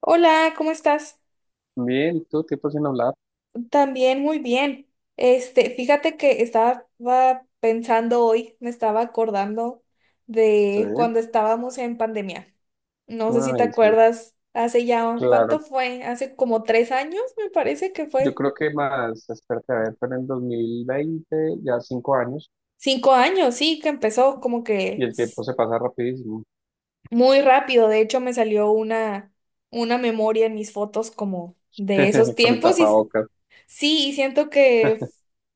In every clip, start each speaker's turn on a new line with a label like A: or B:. A: Hola, ¿cómo estás?
B: Bien, todo tiempo sin hablar,
A: También muy bien. Este, fíjate que estaba pensando hoy, me estaba acordando
B: sí.
A: de cuando estábamos en pandemia. No sé si te
B: Ay, sí,
A: acuerdas, hace ya, ¿cuánto
B: claro.
A: fue? Hace como 3 años, me parece que
B: Yo
A: fue.
B: creo que más, espérate, a ver, pero en 2020, ya 5 años,
A: 5 años, sí, que empezó como
B: y
A: que
B: el tiempo se pasa rapidísimo.
A: muy rápido. De hecho, me salió una memoria en mis fotos como de esos
B: Con el
A: tiempos y,
B: tapabocas,
A: sí, y siento que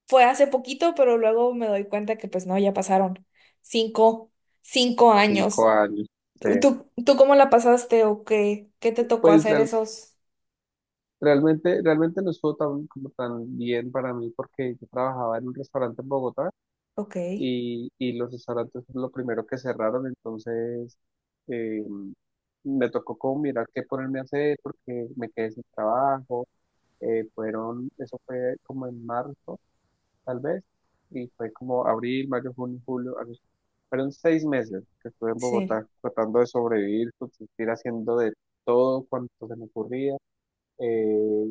A: fue hace poquito, pero luego me doy cuenta que pues no, ya pasaron 5, cinco
B: cinco
A: años.
B: años, sí.
A: ¿Tú, tú cómo la pasaste o qué te tocó
B: Pues
A: hacer
B: real-
A: esos?
B: realmente, realmente no estuvo tan, como tan bien para mí porque yo trabajaba en un restaurante en Bogotá
A: Ok,
B: y los restaurantes fue lo primero que cerraron, entonces eh, me tocó como mirar qué ponerme a hacer porque me quedé sin trabajo. Eso fue como en marzo, tal vez, y fue como abril, mayo, junio, julio, agosto. Fueron 6 meses que estuve en
A: sí,
B: Bogotá tratando de sobrevivir, subsistir haciendo de todo cuanto se me ocurría. Eh,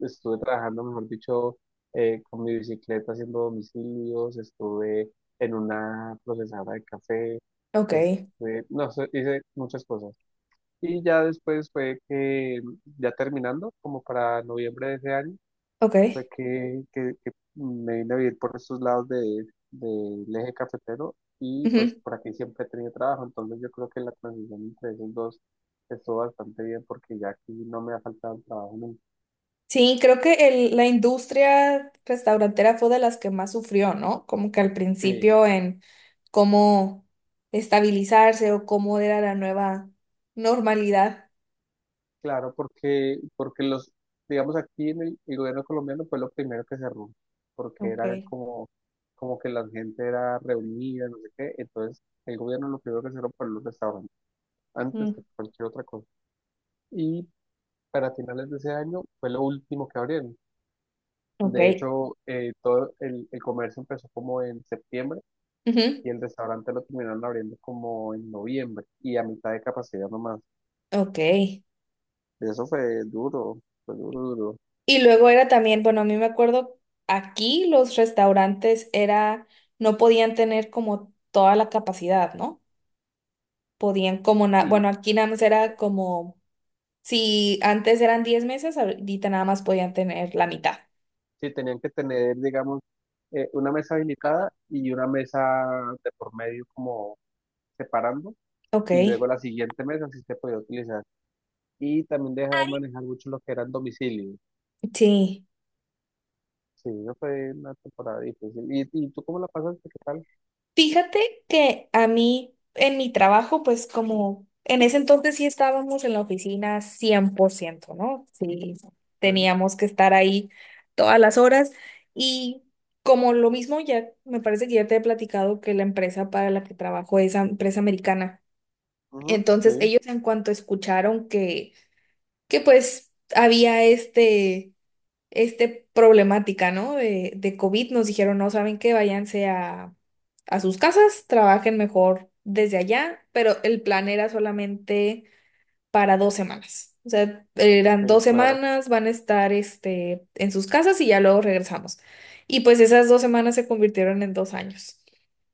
B: Estuve trabajando, mejor dicho, con mi bicicleta haciendo domicilios, estuve en una procesadora de café,
A: ok,
B: este, no sé, hice muchas cosas. Y ya después fue que, ya terminando, como para noviembre de ese año, fue
A: ok.
B: que me vine a vivir por estos lados de, del eje cafetero y pues
A: Ujú.
B: por aquí siempre he tenido trabajo, entonces yo creo que la transición entre esos dos estuvo bastante bien porque ya aquí no me ha faltado el trabajo nunca.
A: Sí, creo que la industria restaurantera fue de las que más sufrió, ¿no? Como que al
B: Sí,
A: principio en cómo estabilizarse o cómo era la nueva normalidad.
B: claro, porque los, digamos aquí en el gobierno colombiano fue lo primero que cerró, porque era
A: Ok.
B: como, como que la gente era reunida, no sé qué, entonces el gobierno lo primero que cerró fue los restaurantes, antes
A: Mm.
B: que cualquier otra cosa. Y para finales de ese año fue lo último que abrieron. De
A: Ok.
B: hecho, todo el comercio empezó como en septiembre
A: Ujú.
B: y el restaurante lo terminaron abriendo como en noviembre y a mitad de capacidad nomás.
A: Ok. Y
B: Eso fue duro, duro.
A: luego era también, bueno, a mí me acuerdo, aquí los restaurantes era, no podían tener como toda la capacidad, ¿no? Podían como,
B: Sí,
A: bueno, aquí nada más era como, si antes eran 10 mesas, ahorita nada más podían tener la mitad.
B: sí, tenían que tener, digamos, una mesa
A: Ah,
B: habilitada
A: bueno.
B: y una mesa de por medio como separando
A: Ok,
B: y luego la siguiente mesa sí se podía utilizar. Y también dejaban manejar mucho lo que eran domicilios.
A: sí.
B: Sí, eso fue una temporada difícil. Y tú cómo la pasaste? ¿Qué tal?
A: Fíjate que a mí, en mi trabajo, pues como en ese entonces sí estábamos en la oficina 100%, ¿no? Sí,
B: Sí,
A: teníamos que estar ahí todas las horas y como lo mismo ya, me parece que ya te he platicado que la empresa para la que trabajo es empresa americana.
B: ujú,
A: Entonces
B: sí,
A: ellos en cuanto escucharon que pues había este problemática, ¿no? De COVID nos dijeron, no, ¿saben qué? Váyanse a sus casas, trabajen mejor desde allá, pero el plan era solamente para 2 semanas. O sea,
B: ok,
A: eran dos
B: claro,
A: semanas, van a estar este, en sus casas y ya luego regresamos. Y pues esas 2 semanas se convirtieron en 2 años.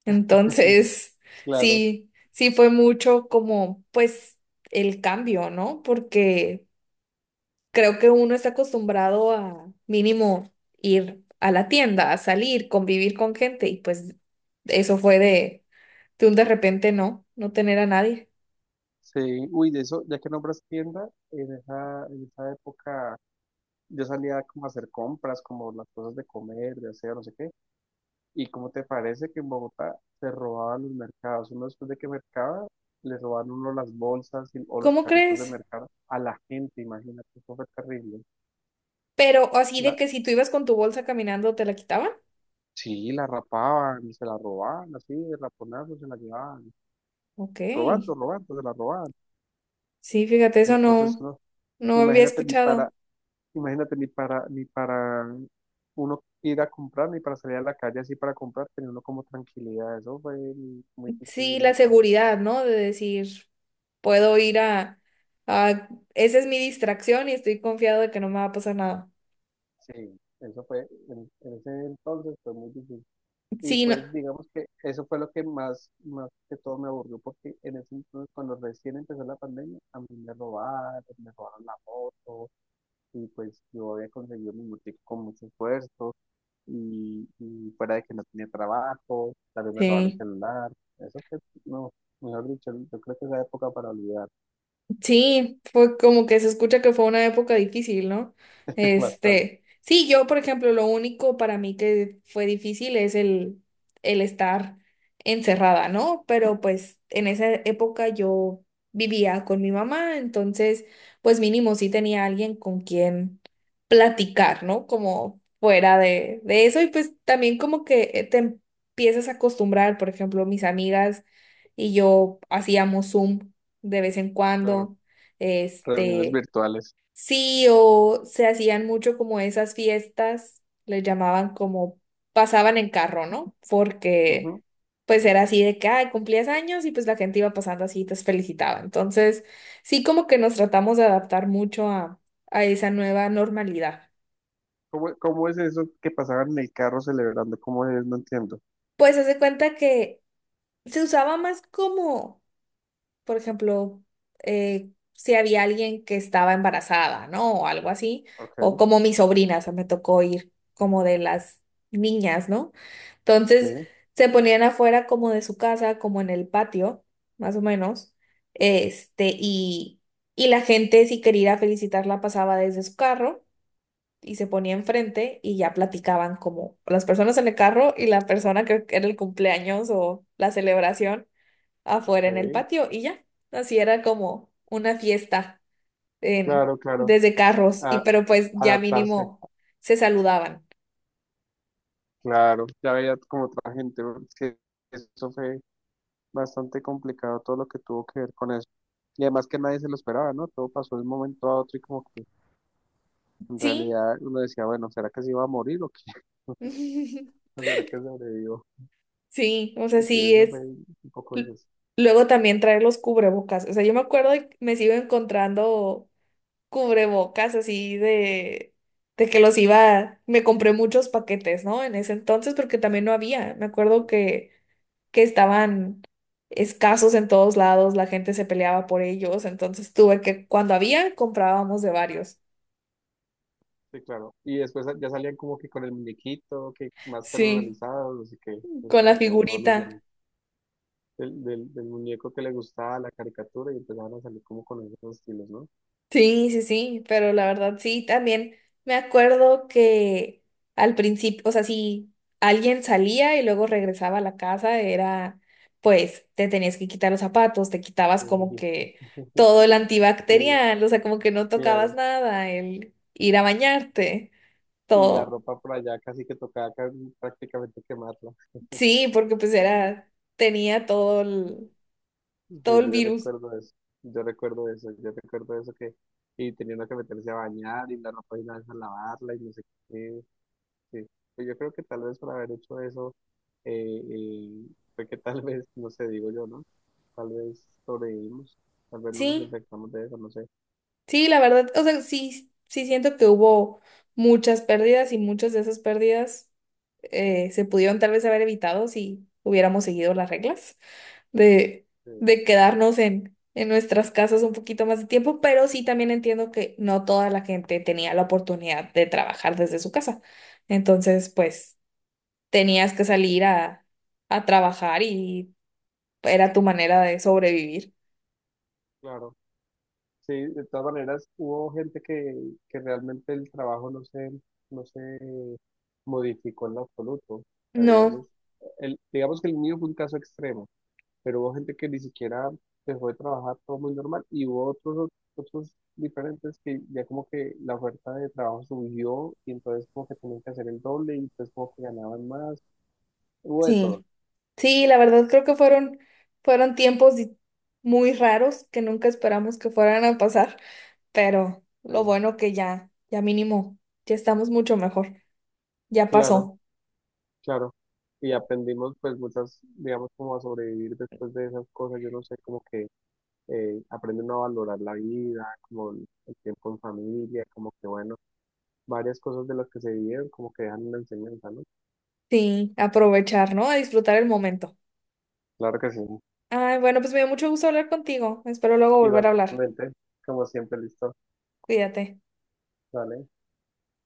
A: Entonces,
B: claro.
A: sí, sí fue mucho como, pues, el cambio, ¿no? Porque creo que uno está acostumbrado a mínimo ir a la tienda, a salir, convivir con gente y pues eso fue de un de repente no tener a nadie.
B: Sí, uy, de eso, ya que nombras tienda, en esa época yo salía como a hacer compras, como las cosas de comer, de hacer, no sé qué. ¿Y cómo te parece que en Bogotá se robaban los mercados? Uno después de que mercaba, le robaban uno las bolsas y- o los
A: ¿Cómo
B: carritos de
A: crees?
B: mercado a la gente, imagínate, eso fue terrible.
A: Pero así de
B: La,
A: que si tú ibas con tu bolsa caminando, ¿te la quitaban?
B: sí, la rapaban, se la robaban, así, de raponazos se la llevaban.
A: Ok.
B: Robando, robando, se la robaban.
A: Sí, fíjate, eso
B: Entonces,
A: no,
B: uno,
A: no había
B: imagínate ni para,
A: escuchado.
B: imagínate ni para, ni para uno ir a comprar, ni para salir a la calle así para comprar, tenía uno como tranquilidad. Eso fue muy
A: Sí,
B: difícil ese
A: la
B: pedazo.
A: seguridad, ¿no? De decir, puedo ir a. Esa es mi distracción y estoy confiado de que no me va a pasar nada.
B: Sí, eso fue, en ese entonces fue muy difícil. Y
A: Sí, no.
B: pues digamos que eso fue lo que más, más que todo me aburrió, porque en ese entonces, cuando recién empezó la pandemia, a mí me robaron la moto, y pues yo había conseguido mi motico con mucho esfuerzo, y fuera de que no tenía trabajo, también me robaron el
A: Sí.
B: celular, eso que no, mejor dicho, yo creo que esa época para olvidar.
A: Sí, fue como que se escucha que fue una época difícil, ¿no?
B: Bastante,
A: Este, sí, yo, por ejemplo, lo único para mí que fue difícil es el estar encerrada, ¿no? Pero pues en esa época yo vivía con mi mamá, entonces, pues mínimo sí tenía alguien con quien platicar, ¿no? Como fuera de eso y pues también como que te empiezas a acostumbrar, por ejemplo, mis amigas y yo hacíamos Zoom de vez en
B: claro,
A: cuando.
B: reuniones
A: Este,
B: virtuales.
A: sí, o se hacían mucho como esas fiestas, les llamaban como pasaban en carro, ¿no? Porque
B: Ujú.
A: pues era así de que, ay, cumplías años y pues la gente iba pasando así y te felicitaba. Entonces, sí, como que nos tratamos de adaptar mucho a esa nueva normalidad.
B: ¿Cómo, cómo es eso que pasaban en el carro celebrando? ¿Cómo es? No entiendo.
A: Pues hace cuenta que se usaba más como por ejemplo, si había alguien que estaba embarazada, ¿no? O algo así, o
B: Ok,
A: como mi sobrina, o sea, me tocó ir como de las niñas, ¿no?
B: sí,
A: Entonces, se ponían afuera como de su casa, como en el patio, más o menos, este, y, la gente, si quería ir a felicitarla, pasaba desde su carro. Y se ponía enfrente y ya platicaban como las personas en el carro y la persona que era el cumpleaños o la celebración
B: ok,
A: afuera en el patio y ya. Así era como una fiesta
B: claro, claro,
A: desde carros y
B: a-
A: pero pues ya
B: adaptarse,
A: mínimo se saludaban.
B: claro, ya veía como otra gente, porque eso fue bastante complicado todo lo que tuvo que ver con eso. Y además que nadie se lo esperaba, ¿no? Todo pasó de un momento a otro y como que en
A: Sí,
B: realidad uno decía, bueno, ¿será que se iba a morir o qué? ¿O será que sobrevivió?
A: sí, o sea,
B: Y sí,
A: sí
B: eso fue
A: es.
B: un poco
A: l-
B: difícil.
A: Luego también traer los cubrebocas. O sea, yo me acuerdo y me sigo encontrando cubrebocas así de que los iba, me compré muchos paquetes, ¿no? En ese entonces porque también no había. Me acuerdo
B: Sí,
A: que estaban escasos en todos lados, la gente se peleaba por ellos, entonces tuve que, cuando había, comprábamos de varios.
B: sí, claro. Y después ya salían como que con el muñequito, que más
A: Sí,
B: personalizado, no sé qué, eso
A: con la
B: fue evolucionando.
A: figurita.
B: Del muñeco que le gustaba la caricatura y empezaban a salir como con esos estilos, ¿no?
A: Sí, sí, sí, pero la verdad sí, también me acuerdo que al principio, o sea, si alguien salía y luego regresaba a la casa, era, pues, te tenías que quitar los zapatos, te quitabas como
B: Eh,
A: que
B: Sí,
A: todo el
B: sí,
A: antibacterial, o sea, como que no tocabas
B: claro.
A: nada, el ir a bañarte,
B: Y la
A: todo.
B: ropa por allá casi que tocaba prácticamente quemarla.
A: Sí, porque pues era, tenía todo el,
B: Sí,
A: todo el
B: yo
A: virus.
B: recuerdo eso, yo recuerdo eso, yo recuerdo eso que y tenía uno que meterse a bañar y la ropa y la a lavarla y no sé qué, sí. Pues yo creo que tal vez por haber hecho eso, eh, eh, fue que tal vez, no sé, digo yo, ¿no? Tal vez sobrevivimos, tal vez no nos
A: Sí,
B: infectamos de eso, no sé.
A: sí, la verdad, o sea, sí, sí siento que hubo muchas pérdidas y muchas de esas pérdidas se pudieron tal vez haber evitado si hubiéramos seguido las reglas de,
B: eh,
A: de quedarnos en nuestras casas un poquito más de tiempo, pero sí también entiendo que no toda la gente tenía la oportunidad de trabajar desde su casa. Entonces, pues tenías que salir a trabajar y era tu manera de sobrevivir.
B: claro. Sí, de todas maneras, hubo gente que realmente el trabajo no se modificó en lo absoluto. O sea, digamos,
A: No,
B: el, digamos que el mío fue un caso extremo, pero hubo gente que ni siquiera dejó de trabajar, todo muy normal, y hubo otros, otros diferentes que ya como que la oferta de trabajo subió y entonces como que tenían que hacer el doble y entonces como que ganaban más, hubo de todo.
A: sí. Sí, la verdad creo que fueron tiempos muy raros que nunca esperamos que fueran a pasar, pero
B: Sí.
A: lo bueno que ya mínimo, ya estamos mucho mejor, ya
B: Claro,
A: pasó.
B: claro. Y aprendimos pues muchas, digamos, como a sobrevivir después de esas cosas, yo no sé, como que aprende a valorar la vida, como el tiempo en familia, como que bueno, varias cosas de las que se vivieron, como que dejan una enseñanza, ¿no?
A: Sí, aprovechar, ¿no? A disfrutar el momento.
B: Claro que sí.
A: Ay, bueno, pues me dio mucho gusto hablar contigo. Espero luego volver a hablar.
B: Igualmente, como siempre, listo.
A: Cuídate.
B: Vale.